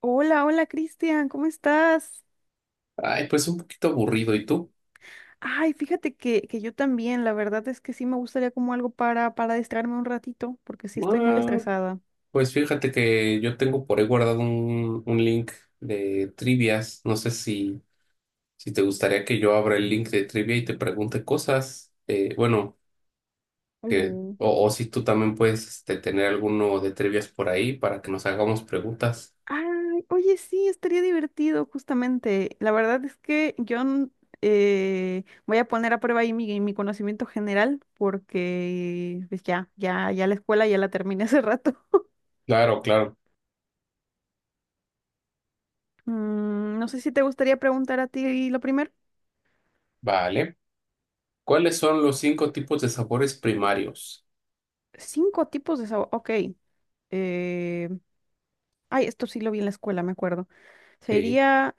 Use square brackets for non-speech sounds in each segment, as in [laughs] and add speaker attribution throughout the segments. Speaker 1: Hola, hola Cristian, ¿cómo estás?
Speaker 2: Ay, pues un poquito aburrido. ¿Y tú?
Speaker 1: Ay, fíjate que yo también, la verdad es que sí me gustaría como algo para distraerme un ratito, porque sí estoy muy
Speaker 2: Ah,
Speaker 1: estresada.
Speaker 2: pues fíjate que yo tengo por ahí guardado un link de trivias. No sé si te gustaría que yo abra el link de trivia y te pregunte cosas. Bueno, que,
Speaker 1: Mm.
Speaker 2: o si tú también puedes este, tener alguno de trivias por ahí para que nos hagamos preguntas.
Speaker 1: Ay, oye, sí, estaría divertido, justamente. La verdad es que voy a poner a prueba ahí mi, conocimiento general, porque pues ya la escuela ya la terminé hace rato. [laughs]
Speaker 2: Claro, claro.
Speaker 1: No sé si te gustaría preguntar a ti lo primero.
Speaker 2: Vale. ¿Cuáles son los cinco tipos de sabores primarios?
Speaker 1: Cinco tipos de sabor, ok. Eh, Ay, esto sí lo vi en la escuela, me acuerdo.
Speaker 2: Sí.
Speaker 1: Sería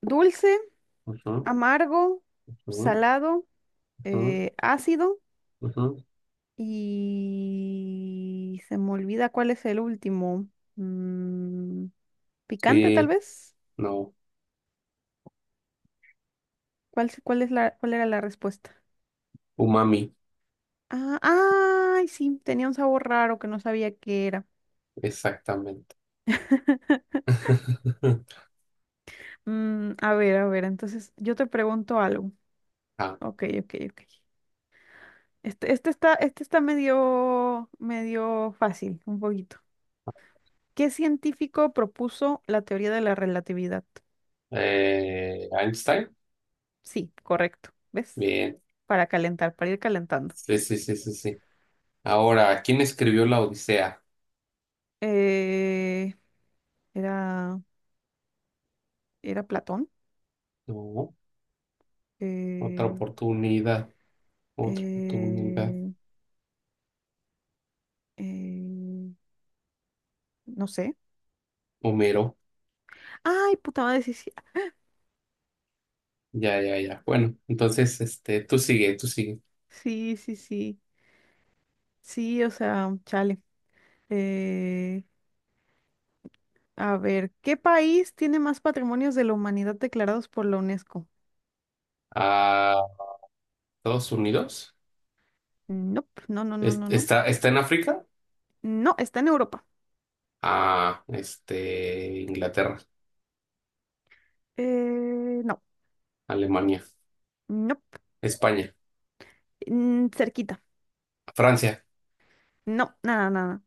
Speaker 1: dulce,
Speaker 2: Ujú,
Speaker 1: amargo,
Speaker 2: ujú,
Speaker 1: salado,
Speaker 2: ujú,
Speaker 1: ácido
Speaker 2: ujú.
Speaker 1: y se me olvida cuál es el último. Mm, picante, tal
Speaker 2: Sí,
Speaker 1: vez.
Speaker 2: no.
Speaker 1: ¿Cuál, se- cuál es la, cuál era la respuesta?
Speaker 2: Umami,
Speaker 1: Ah, ay, sí, tenía un sabor raro que no sabía qué era.
Speaker 2: exactamente.
Speaker 1: [laughs]
Speaker 2: [laughs]
Speaker 1: A ver, a ver, entonces yo te pregunto algo.
Speaker 2: Ah,
Speaker 1: Ok, ok, ok. Este está medio, medio fácil, un poquito. ¿Qué científico propuso la teoría de la relatividad?
Speaker 2: Einstein.
Speaker 1: Sí, correcto. ¿Ves?
Speaker 2: Bien.
Speaker 1: Para calentar, para ir calentando.
Speaker 2: Sí, sí, sí, sí, sí. Ahora, ¿quién escribió la Odisea?
Speaker 1: Eh, era, era Platón.
Speaker 2: No, otra
Speaker 1: Eh,
Speaker 2: oportunidad, otra oportunidad.
Speaker 1: eh, eh, no sé.
Speaker 2: Homero.
Speaker 1: Ay, puta madre, sí, sí.
Speaker 2: Ya, ya, ya. Bueno, entonces, este, tú sigue, tú sigue.
Speaker 1: Sí, sí, sí. Sí, o sea, chale. Eh, a ver, ¿qué país tiene más patrimonios de la humanidad declarados por la UNESCO?
Speaker 2: Ah, Estados Unidos.
Speaker 1: Nope, no, no, no, no, no.
Speaker 2: ¿Está, está en África?
Speaker 1: No, está en Europa.
Speaker 2: Ah, este, Inglaterra,
Speaker 1: No.
Speaker 2: Alemania,
Speaker 1: No.
Speaker 2: España,
Speaker 1: Cerquita.
Speaker 2: Francia.
Speaker 1: No, nada, nada.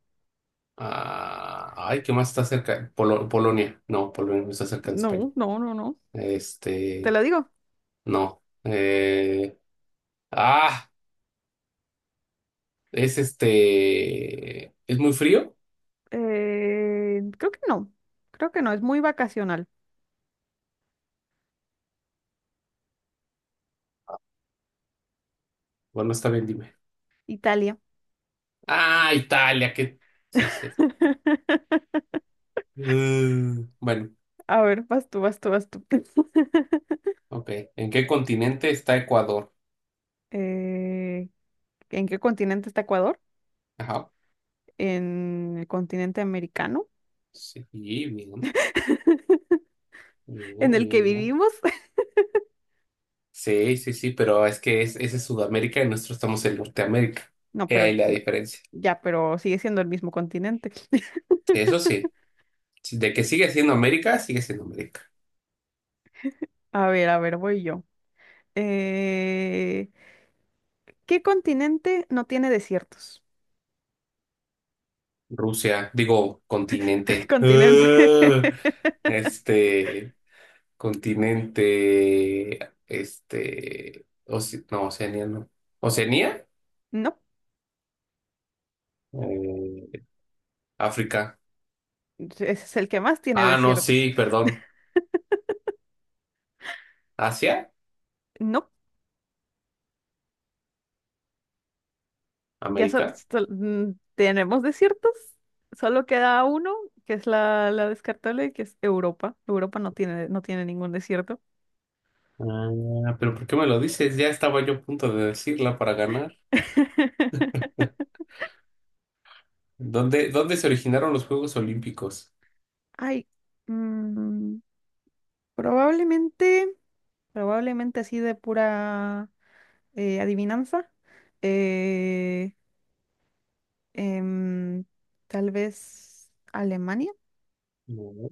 Speaker 2: Ah, ay, ¿qué más está cerca? Polonia. No, Polonia no está cerca de España.
Speaker 1: No, no, no, no. Te
Speaker 2: Este,
Speaker 1: lo digo.
Speaker 2: no. Ah, es este. ¿Es muy frío?
Speaker 1: Creo que no. Creo que no. Es muy vacacional.
Speaker 2: Bueno, está bien, dime.
Speaker 1: Italia.
Speaker 2: Ah, Italia, que. Sí, es cierto.
Speaker 1: [laughs]
Speaker 2: Mm, bueno,
Speaker 1: A ver, vas tú, vas tú, vas tú. [laughs]
Speaker 2: ok. ¿En qué continente está Ecuador?
Speaker 1: Eh, ¿en qué continente está Ecuador?
Speaker 2: Ajá.
Speaker 1: ¿En el continente americano?
Speaker 2: Sí, bien,
Speaker 1: ¿En
Speaker 2: bien,
Speaker 1: el que
Speaker 2: bien, bien.
Speaker 1: vivimos? [laughs]
Speaker 2: Sí, sí, sí, pero es que es, ese es Sudamérica y nosotros estamos en Norteamérica.
Speaker 1: No,
Speaker 2: He
Speaker 1: pero
Speaker 2: ahí la
Speaker 1: no,
Speaker 2: diferencia.
Speaker 1: ya, pero sigue siendo el mismo continente. [laughs]
Speaker 2: Eso sí, de que sigue siendo América, sigue siendo América.
Speaker 1: A ver, voy yo. Eh, ¿qué continente no tiene desiertos?
Speaker 2: Rusia, digo,
Speaker 1: [laughs]
Speaker 2: continente.
Speaker 1: Continente. [laughs]
Speaker 2: Este, continente, este, no, Oceanía, no. ¿Oceanía?
Speaker 1: No,
Speaker 2: Eh, África.
Speaker 1: ese es el que más tiene
Speaker 2: Ah, no,
Speaker 1: desiertos.
Speaker 2: sí, perdón. ¿Asia?
Speaker 1: No,
Speaker 2: ¿América?
Speaker 1: tenemos desiertos. Solo queda uno, que es la descartable, que es Europa. Europa no tiene ningún desierto.
Speaker 2: Ah, pero ¿por qué me lo dices? Ya estaba yo a punto de decirla para ganar.
Speaker 1: [laughs]
Speaker 2: ¿Dónde se originaron los Juegos Olímpicos?
Speaker 1: Ay, mm, probablemente, probablemente así de pura adivinanza. eh, em, tal vez Alemania,
Speaker 2: No,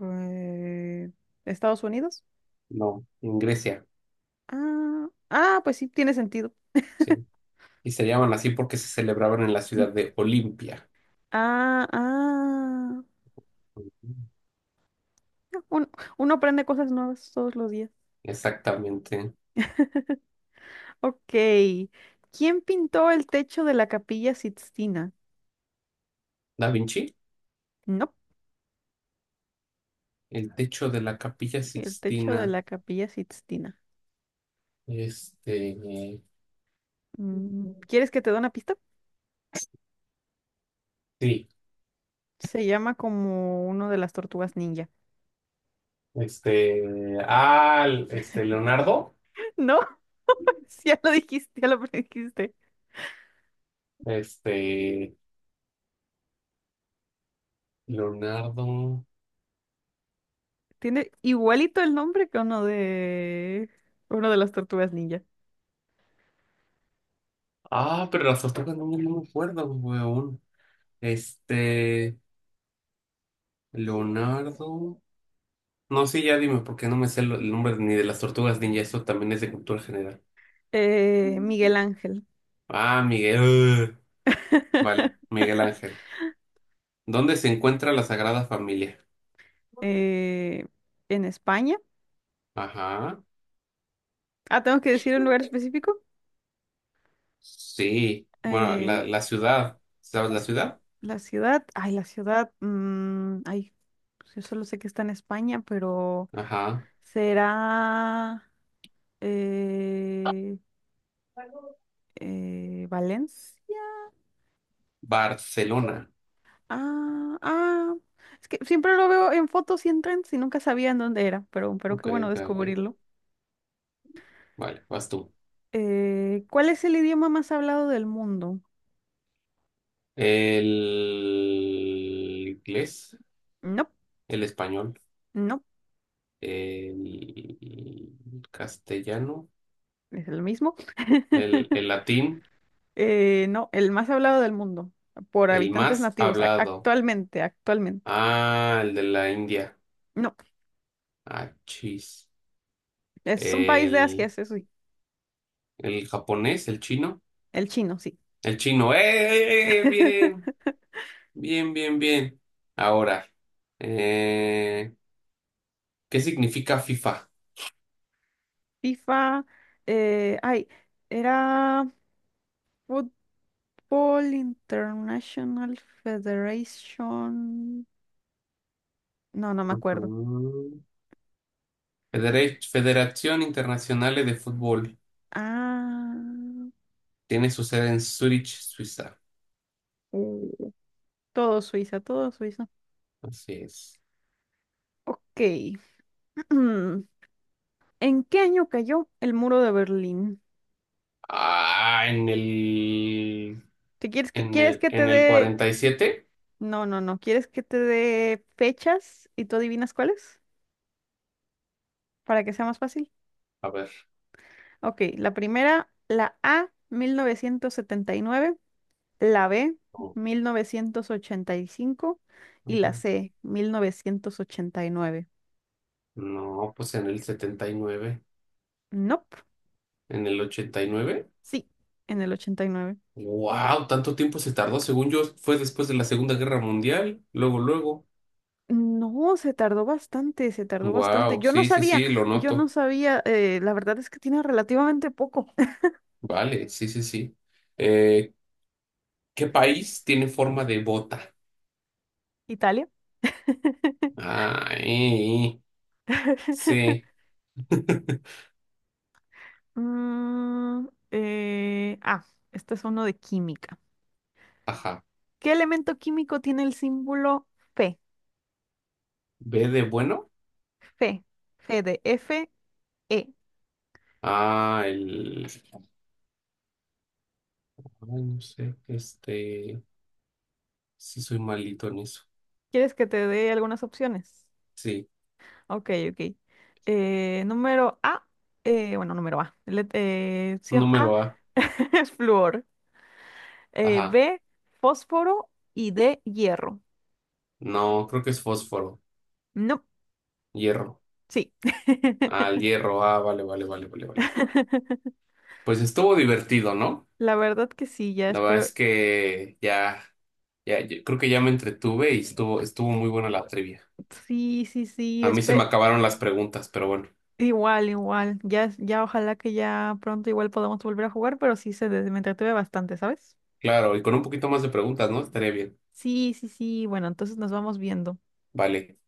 Speaker 1: eh, Estados Unidos.
Speaker 2: no, en Grecia,
Speaker 1: Ah, ah, pues sí, tiene sentido. [laughs]
Speaker 2: sí. Y se llaman así porque se celebraban en la
Speaker 1: Mm,
Speaker 2: ciudad de Olimpia.
Speaker 1: ah, ah. Uno, uno aprende cosas nuevas todos los días.
Speaker 2: Exactamente.
Speaker 1: Ok. ¿Quién pintó el techo de la Capilla Sixtina?
Speaker 2: Da Vinci,
Speaker 1: No,
Speaker 2: el techo de la Capilla
Speaker 1: el techo de
Speaker 2: Sixtina.
Speaker 1: la Capilla Sixtina.
Speaker 2: Este, eh,
Speaker 1: ¿Quieres que te dé una pista?
Speaker 2: sí,
Speaker 1: Se llama como uno de las tortugas ninja.
Speaker 2: Leonardo,
Speaker 1: [laughs] No, [laughs] sí, ya lo dijiste, ya lo dijiste.
Speaker 2: este, Leonardo,
Speaker 1: Tiene igualito el nombre que uno de las tortugas ninja.
Speaker 2: ah, pero las otras no, no me acuerdo, weón. Este, Leonardo, no, sí, ya dime, porque no me sé el nombre ni de las tortugas ninja, eso también es de cultura general.
Speaker 1: Miguel Ángel.
Speaker 2: Ah, Miguel, ugh. Vale, Miguel Ángel. ¿Dónde se encuentra la Sagrada Familia?
Speaker 1: eh, en España.
Speaker 2: Ajá.
Speaker 1: Ah, tengo que decir un lugar específico.
Speaker 2: Sí. Bueno,
Speaker 1: Eh,
Speaker 2: la ciudad. ¿Sabes la
Speaker 1: las-
Speaker 2: ciudad?
Speaker 1: la ciudad, ay, la ciudad, ay, pues yo solo sé que está en España, pero
Speaker 2: Ajá.
Speaker 1: será eh, Valencia.
Speaker 2: Barcelona.
Speaker 1: Ah, ah, es que siempre lo veo en fotos y en trends y nunca sabía en dónde era, pero qué
Speaker 2: Ok,
Speaker 1: bueno
Speaker 2: ok, ok.
Speaker 1: descubrirlo.
Speaker 2: Vale, vas tú.
Speaker 1: ¿Cuál es el idioma más hablado del mundo?
Speaker 2: El inglés,
Speaker 1: No,
Speaker 2: el español,
Speaker 1: no,
Speaker 2: el castellano,
Speaker 1: es el mismo. [laughs]
Speaker 2: el latín,
Speaker 1: No, el más hablado del mundo por
Speaker 2: el
Speaker 1: habitantes
Speaker 2: más
Speaker 1: nativos
Speaker 2: hablado.
Speaker 1: actualmente, actualmente.
Speaker 2: Ah, el de la India.
Speaker 1: No,
Speaker 2: Ah, chis.
Speaker 1: es un país de Asia,
Speaker 2: El,
Speaker 1: eso sí.
Speaker 2: el japonés, el chino.
Speaker 1: El chino, sí.
Speaker 2: El chino. ¡Eh! ¡Eh, eh! Bien.
Speaker 1: [laughs]
Speaker 2: Bien, bien, bien. Ahora, eh, ¿qué significa FIFA?
Speaker 1: FIFA, ay, era Football International Federation. No, no me acuerdo.
Speaker 2: Mm. Federación Internacional de Fútbol.
Speaker 1: Ah,
Speaker 2: Tiene su sede en Zurich, Suiza.
Speaker 1: uh, todo Suiza, todo Suiza.
Speaker 2: Así es.
Speaker 1: Ok. [clears throat] ¿En qué año cayó el muro de Berlín?
Speaker 2: Ah, en el,
Speaker 1: ¿Te quieres que, quieres que te
Speaker 2: en el
Speaker 1: dé?
Speaker 2: 47.
Speaker 1: No, no, no. ¿Quieres que te dé fechas y tú adivinas cuáles? Para que sea más fácil.
Speaker 2: A ver.
Speaker 1: Ok, la primera, la A, 1979, la B,
Speaker 2: No,
Speaker 1: 1985 y la
Speaker 2: ajá.
Speaker 1: C, 1989.
Speaker 2: No, pues en el 79.
Speaker 1: Nope.
Speaker 2: En el 89.
Speaker 1: Sí, en el 89.
Speaker 2: Wow, tanto tiempo se tardó. Según yo, fue después de la Segunda Guerra Mundial. Luego, luego.
Speaker 1: No, se tardó bastante, se tardó bastante.
Speaker 2: Wow, sí, sí, sí, lo
Speaker 1: Yo no
Speaker 2: noto.
Speaker 1: sabía, la verdad es que tiene relativamente poco.
Speaker 2: Vale, sí, sí, sí. Eh, ¿Qué país tiene forma de bota?
Speaker 1: [laughs] Italia.
Speaker 2: Ah,
Speaker 1: [laughs]
Speaker 2: sí. [laughs]
Speaker 1: Ah, este es uno de química.
Speaker 2: Ajá.
Speaker 1: ¿Qué elemento químico tiene el símbolo Fe?
Speaker 2: ¿B de bueno?
Speaker 1: Fe, Fe de F, E.
Speaker 2: Ah, el... ay, no sé, este... Sí soy malito en eso.
Speaker 1: ¿Quieres que te dé algunas opciones?
Speaker 2: Sí.
Speaker 1: Ok, ok. Número A, bueno, número A. Opción A
Speaker 2: Número A.
Speaker 1: [laughs] es flúor.
Speaker 2: Ajá.
Speaker 1: B, fósforo y D, hierro.
Speaker 2: No, creo que es fósforo.
Speaker 1: No,
Speaker 2: Hierro.
Speaker 1: sí.
Speaker 2: Ah, el hierro. Ah, vale, vale, vale, vale, vale. Vale.
Speaker 1: [laughs]
Speaker 2: Pues estuvo divertido, ¿no?
Speaker 1: La verdad que sí, ya
Speaker 2: La verdad
Speaker 1: espero.
Speaker 2: es que ya, ya, yo creo que ya me entretuve y estuvo, estuvo muy buena la trivia.
Speaker 1: Sí, sí, sí,
Speaker 2: A mí se me
Speaker 1: espero.
Speaker 2: acabaron las preguntas, pero bueno,
Speaker 1: Igual, igual. Ya, ojalá que ya pronto igual podamos volver a jugar, pero sí me entretuve bastante, ¿sabes?
Speaker 2: claro, y con un poquito más de preguntas, ¿no? Estaría bien.
Speaker 1: Sí, sí, sí. Bueno, entonces nos vamos viendo.
Speaker 2: Vale.